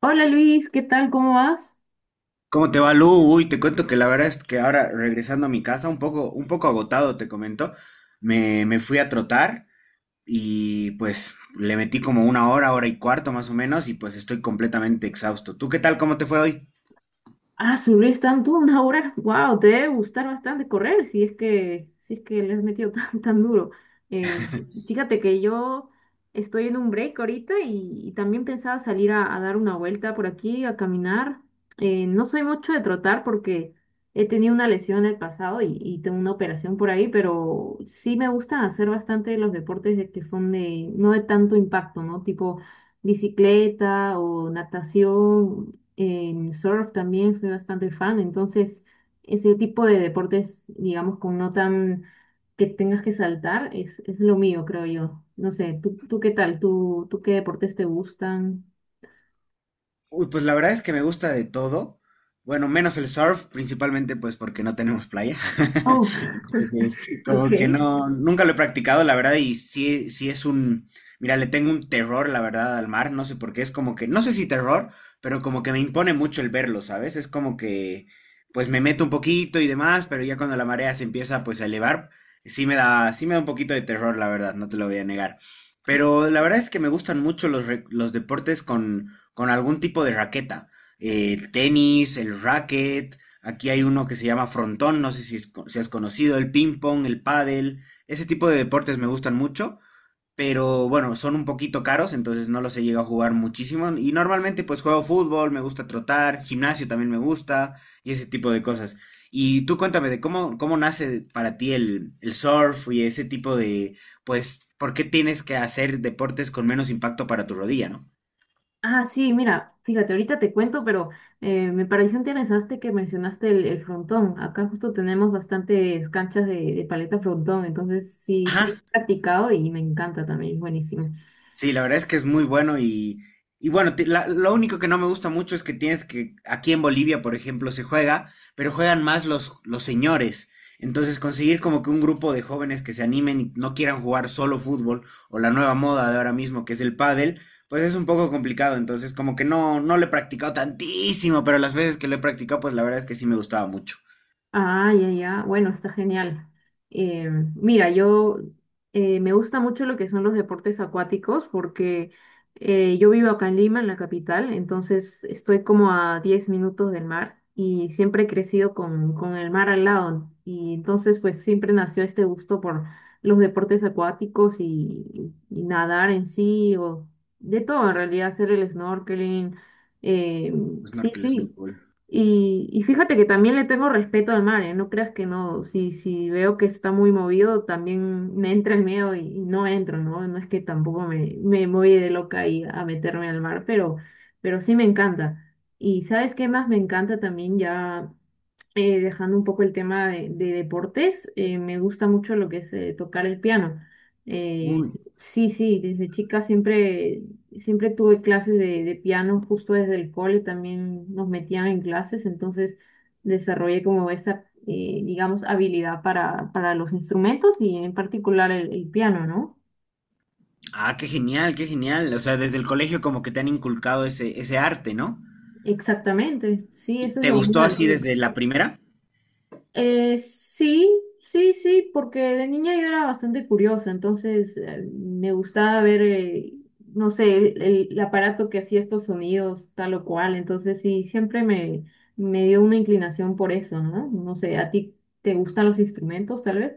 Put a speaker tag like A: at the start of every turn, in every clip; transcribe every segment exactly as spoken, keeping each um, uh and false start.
A: Hola Luis, ¿qué tal? ¿Cómo vas?
B: ¿Cómo te va, Lu? Uy, te cuento que la verdad es que ahora regresando a mi casa, un poco, un poco agotado, te comento, me, me fui a trotar y pues le metí como una hora, hora y cuarto más o menos y pues estoy completamente exhausto. ¿Tú qué tal? ¿Cómo te fue hoy?
A: Ah, subir tanto una hora. Wow, te debe gustar bastante correr si es que, si es que le has metido tan, tan duro. Eh, fíjate que yo estoy en un break ahorita y, y también pensaba salir a, a dar una vuelta por aquí, a caminar. Eh, no soy mucho de trotar porque he tenido una lesión en el pasado y, y tengo una operación por ahí, pero sí me gusta hacer bastante los deportes de que son de, no de tanto impacto, ¿no? Tipo bicicleta o natación. En surf también soy bastante fan, entonces ese tipo de deportes, digamos, con no tan que tengas que saltar, es, es lo mío, creo yo. No sé, ¿tú, tú qué tal? ¿Tú, tú qué deportes te gustan?
B: Uy, pues la verdad es que me gusta de todo. Bueno, menos el surf, principalmente pues porque no tenemos playa.
A: Oh,
B: Entonces,
A: ok.
B: como que no, nunca lo he practicado, la verdad, y sí, sí, es un, mira, le tengo un terror, la verdad, al mar, no sé por qué, es como que no sé si terror, pero como que me impone mucho el verlo, ¿sabes? Es como que pues me meto un poquito y demás, pero ya cuando la marea se empieza pues a elevar, sí me da, sí me da un poquito de terror, la verdad, no te lo voy a negar. Pero la verdad es que me gustan mucho los, re- los deportes con con algún tipo de raqueta. Eh, el tenis, el racket, aquí hay uno que se llama frontón, no sé si, es- si has conocido, el ping pong, el pádel, ese tipo de deportes me gustan mucho, pero bueno, son un poquito caros, entonces no los he llegado a jugar muchísimo y normalmente pues juego fútbol, me gusta trotar, gimnasio también me gusta y ese tipo de cosas. Y tú cuéntame de cómo, cómo nace para ti el, el surf y ese tipo de, pues, ¿por qué tienes que hacer deportes con menos impacto para tu rodilla, no?
A: Ah, sí, mira, fíjate, ahorita te cuento, pero eh, me pareció interesante que mencionaste el, el frontón. Acá justo tenemos bastantes canchas de, de paleta frontón, entonces sí, sí,
B: Ajá,
A: he practicado y me encanta también, es buenísimo.
B: sí, la verdad es que es muy bueno y, y bueno, te- la- lo único que no me gusta mucho es que tienes que, aquí en Bolivia, por ejemplo, se juega, pero juegan más los, los señores. Entonces, conseguir como que un grupo de jóvenes que se animen y no quieran jugar solo fútbol o la nueva moda de ahora mismo, que es el pádel, pues es un poco complicado. Entonces, como que no, no lo he practicado tantísimo, pero las veces que lo he practicado, pues la verdad es que sí me gustaba mucho.
A: Ah, ya, ya. Bueno, está genial. Eh, mira, yo eh, me gusta mucho lo que son los deportes acuáticos porque eh, yo vivo acá en Lima, en la capital, entonces estoy como a diez minutos del mar y siempre he crecido con, con el mar al lado. Y entonces pues siempre nació este gusto por los deportes acuáticos y, y nadar en sí o de todo, en realidad hacer el snorkeling. eh,
B: El
A: sí,
B: snorkel es muy
A: sí.
B: cool.
A: Y, y fíjate que también le tengo respeto al mar, ¿eh? No creas que no, si, si veo que está muy movido, también me entra el miedo y, y no entro, ¿no? No es que tampoco me, me voy de loca ahí a meterme al mar, pero, pero sí me encanta. Y ¿sabes qué más me encanta también ya? eh, dejando un poco el tema de, de deportes, eh, me gusta mucho lo que es eh, tocar el piano. Eh,
B: Uy.
A: sí, sí, desde chica siempre, siempre tuve clases de, de piano, justo desde el cole también nos metían en clases, entonces desarrollé como esa, eh, digamos, habilidad para, para los instrumentos y en particular el, el piano, ¿no?
B: Ah, qué genial, qué genial. O sea, desde el colegio como que te han inculcado ese, ese arte, ¿no?
A: Exactamente, sí,
B: ¿Y
A: eso es
B: te, sí,
A: lo bueno
B: gustó
A: del
B: así
A: cole.
B: desde la primera?
A: Eh, sí, sí, sí, porque de niña yo era bastante curiosa, entonces eh, me gustaba ver, eh, no sé, el, el- el aparato que hacía estos sonidos, tal o cual, entonces sí, siempre me, me dio una inclinación por eso, ¿no? No sé, ¿a ti te gustan los instrumentos, tal vez?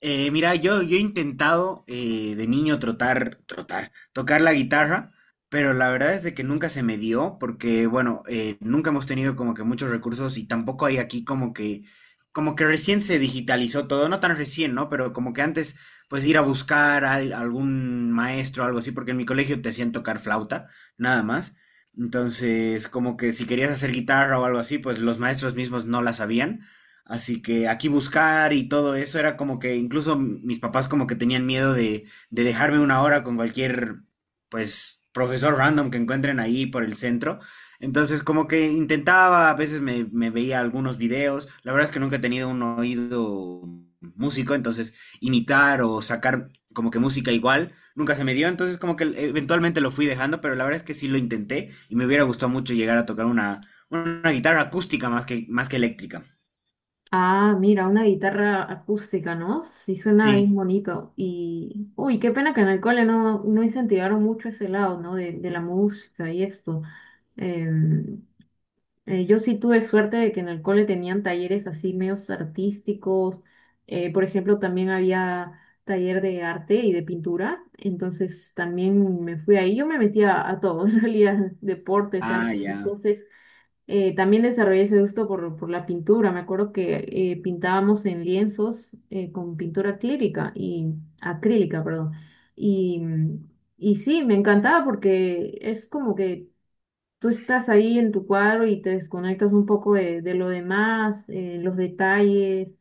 B: Eh, mira, yo, yo he intentado eh, de niño trotar, trotar, tocar la guitarra, pero la verdad es de que nunca se me dio, porque bueno, eh, nunca hemos tenido como que muchos recursos y tampoco hay aquí como que, como que recién se digitalizó todo, no tan recién, ¿no? Pero como que antes, pues ir a buscar a al- algún maestro o algo así, porque en mi colegio te hacían tocar flauta, nada más. Entonces, como que si querías hacer guitarra o algo así, pues los maestros mismos no la sabían. Así que aquí buscar y todo eso era como que incluso mis papás como que tenían miedo de, de dejarme una hora con cualquier, pues, profesor random que encuentren ahí por el centro. Entonces como que intentaba, a veces me, me veía algunos videos. La verdad es que nunca he tenido un oído músico, entonces imitar o sacar como que música igual nunca se me dio. Entonces como que eventualmente lo fui dejando, pero la verdad es que sí lo intenté y me hubiera gustado mucho llegar a tocar una, una guitarra acústica más que, más que eléctrica.
A: Ah, mira, una guitarra acústica, ¿no? Sí, suena bien
B: Sí,
A: bonito. Y, uy, qué pena que en el cole no, no incentivaron mucho ese lado, ¿no? De, de la música y esto. Eh, yo sí tuve suerte de que en el cole tenían talleres así medios artísticos. eh, por ejemplo, también había taller de arte y de pintura. Entonces también me fui ahí. Yo me metía a todo, en realidad, deportes,
B: ah,
A: arte.
B: ya.
A: Entonces eh, también desarrollé ese gusto por, por la pintura. Me acuerdo que eh, pintábamos en lienzos eh, con pintura acrílica y acrílica, perdón. Y, y sí, me encantaba porque es como que tú estás ahí en tu cuadro y te desconectas un poco de, de lo demás, eh, los detalles,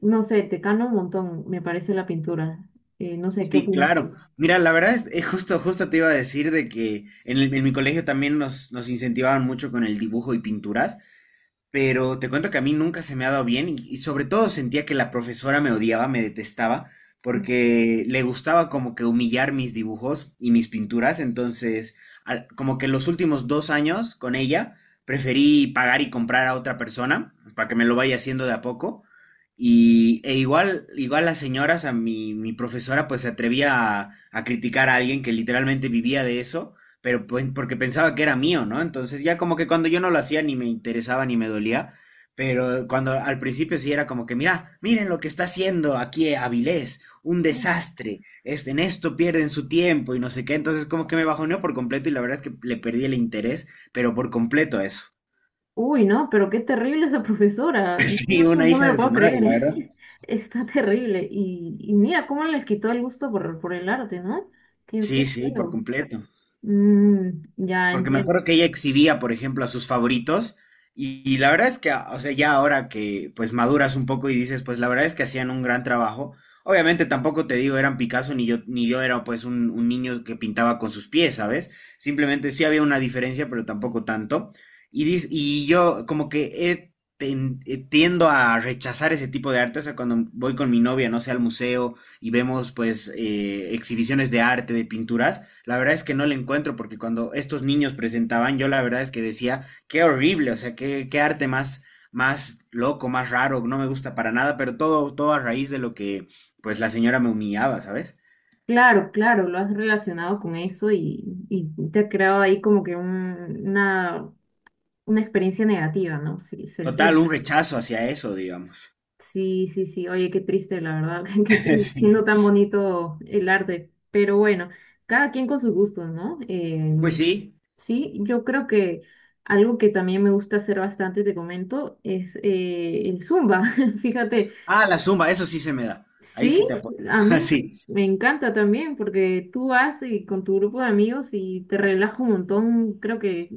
A: no sé, te cambia un montón, me parece la pintura. Eh, no sé, ¿qué
B: Sí,
A: opinas
B: claro.
A: tú?
B: Mira, la verdad es, es justo, justo te iba a decir de que en, el- en mi colegio también nos, nos incentivaban mucho con el dibujo y pinturas. Pero te cuento que a mí nunca se me ha dado bien y, y sobre todo sentía que la profesora me odiaba, me detestaba, porque le gustaba como que humillar mis dibujos y mis pinturas, entonces al- como que los últimos dos años con ella preferí pagar y comprar a otra persona para que me lo vaya haciendo de a poco. Y e igual, igual las señoras, a mi, mi profesora pues se atrevía a, a criticar a alguien que literalmente vivía de eso, pero pues, porque pensaba que era mío, ¿no? Entonces ya como que cuando yo no lo hacía ni me interesaba ni me dolía, pero cuando al principio sí era como que, mira, miren lo que está haciendo aquí Avilés, un
A: Ujú.
B: desastre, este, en esto pierden su tiempo y no sé qué, entonces como que me bajoneó por completo y la verdad es que le perdí el interés, pero por completo a eso.
A: Uy, no, pero qué terrible esa profesora, no,
B: Sí,
A: no-
B: una
A: no me
B: hija
A: lo
B: de su
A: puedo
B: madre,
A: creer,
B: la verdad.
A: está terrible. Y, y mira cómo les quitó el gusto por, por el arte, ¿no? Qué, qué
B: Sí, sí, por
A: feo.
B: completo.
A: Mm, ya
B: Porque me
A: entiendo.
B: acuerdo que ella exhibía, por ejemplo, a sus favoritos. Y, y la verdad es que, o sea, ya ahora que pues maduras un poco y dices, pues la verdad es que hacían un gran trabajo. Obviamente tampoco te digo eran Picasso ni yo, ni yo era pues un, un niño que pintaba con sus pies, ¿sabes? Simplemente sí había una diferencia, pero tampoco tanto. Y, dis- y yo como que he ten- eh, tiendo a rechazar ese tipo de arte. O sea, cuando voy con mi novia, no sé, al museo y vemos pues eh, exhibiciones de arte, de pinturas. La verdad es que no le encuentro porque cuando estos niños presentaban, yo la verdad es que decía, qué horrible, o sea, qué, qué arte más, más loco, más raro, no me gusta para nada, pero todo, todo a raíz de lo que pues la señora me humillaba, ¿sabes?
A: Claro, claro, lo has relacionado con eso y, y te ha creado ahí como que un- una una experiencia negativa, ¿no? Sí, se
B: Total,
A: entiende.
B: un rechazo hacia eso, digamos.
A: Sí, sí, sí. Oye, qué triste, la verdad. Qué pena. No
B: Sí.
A: tan bonito el arte. Pero bueno, cada quien con sus gustos, ¿no?
B: Pues
A: Em,
B: sí.
A: sí, yo creo que algo que también me gusta hacer bastante, te comento, es eh, el Zumba. Fíjate,
B: Ah, la zumba, eso sí se me da. Ahí
A: sí,
B: sí te apoyo.
A: a mí
B: Sí,
A: me encanta también porque tú vas y con tu grupo de amigos y te relajas un montón. Creo que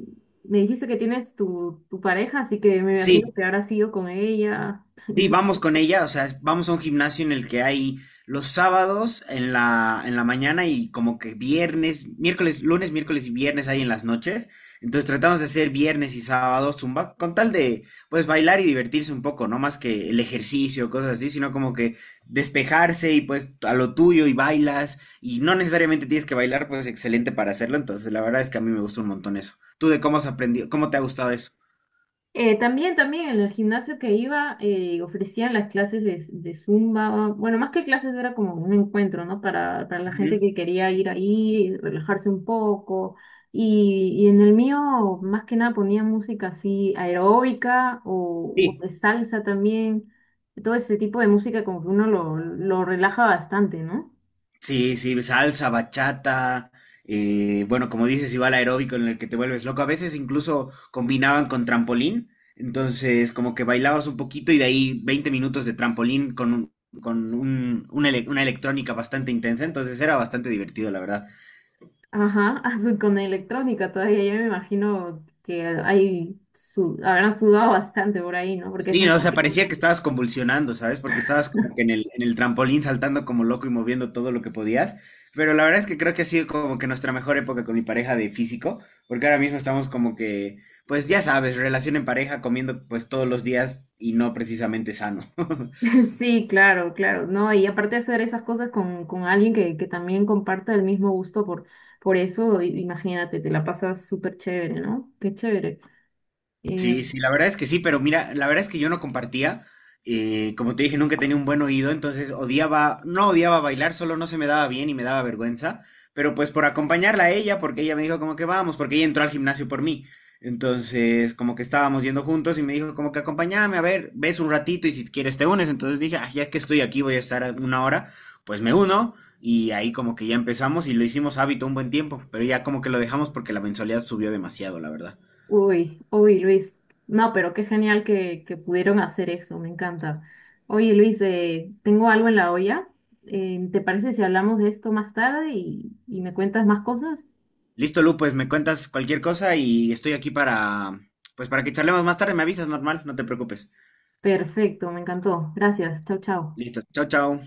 A: me dijiste que tienes tu, tu pareja, así que me imagino
B: sí,
A: que habrás ido con ella.
B: sí, vamos con ella, o sea, vamos a un gimnasio en el que hay los sábados en la, en la mañana y como que viernes, miércoles, lunes, miércoles y viernes hay en las noches. Entonces tratamos de hacer viernes y sábados zumba con tal de pues bailar y divertirse un poco, no más que el ejercicio, cosas así, sino como que despejarse y pues a lo tuyo y bailas y no necesariamente tienes que bailar, pues es excelente para hacerlo. Entonces la verdad es que a mí me gusta un montón eso. ¿Tú de cómo has aprendido, cómo te ha gustado eso?
A: Eh, también, también en el gimnasio que iba eh, ofrecían las clases de, de Zumba, bueno, más que clases era como un encuentro, ¿no? Para, para la gente
B: Ujú.
A: que quería ir ahí, relajarse un poco. Y, y en el mío, más que nada, ponía música así aeróbica o, o
B: Sí.
A: de salsa también. Todo ese tipo de música como que uno lo, lo relaja bastante, ¿no?
B: Sí, sí, salsa, bachata, eh, bueno, como dices, igual aeróbico en el que te vuelves loco. A veces incluso combinaban con trampolín, entonces como que bailabas un poquito y de ahí veinte minutos de trampolín con, un- con un- una, ele- una electrónica bastante intensa, entonces era bastante divertido, la verdad.
A: Ajá, azul con electrónica todavía, yo me imagino que hay, su, habrán sudado bastante por ahí, ¿no? Porque es
B: Sí,
A: una...
B: no, o sea, parecía que estabas convulsionando, ¿sabes? Porque estabas como que en el, en el trampolín saltando como loco y moviendo todo lo que podías. Pero la verdad es que creo que ha sido como que nuestra mejor época con mi pareja de físico, porque ahora mismo estamos como que, pues ya sabes, relación en pareja, comiendo pues todos los días y no precisamente sano.
A: Sí, claro, claro, ¿no? Y aparte de hacer esas cosas con, con alguien que, que también comparta el mismo gusto por, por eso, i- imagínate, te la pasas súper chévere, ¿no? Qué chévere. Eh,
B: Sí, sí, la verdad es que sí, pero mira, la verdad es que yo no compartía. Eh, como te dije, nunca tenía un buen oído, entonces odiaba, no odiaba bailar, solo no se me daba bien y me daba vergüenza. Pero pues por acompañarla a ella, porque ella me dijo como que vamos, porque ella entró al gimnasio por mí. Entonces, como que estábamos yendo juntos y me dijo como que acompáñame, a ver, ves un ratito y si quieres te unes. Entonces dije, ah, ya que estoy aquí, voy a estar a una hora, pues me uno. Y ahí como que ya empezamos y lo hicimos hábito un buen tiempo, pero ya como que lo dejamos porque la mensualidad subió demasiado, la verdad.
A: uy, uy, Luis. No, pero qué genial que, que pudieron hacer eso, me encanta. Oye, Luis, eh, tengo algo en la olla. Eh, ¿te parece si hablamos de esto más tarde y, y me cuentas más cosas?
B: Listo, Lu, pues me cuentas cualquier cosa y estoy aquí para, pues para que charlemos más tarde, me avisas normal, no te preocupes.
A: Perfecto, me encantó. Gracias, chao, chao.
B: Listo, chao, chao.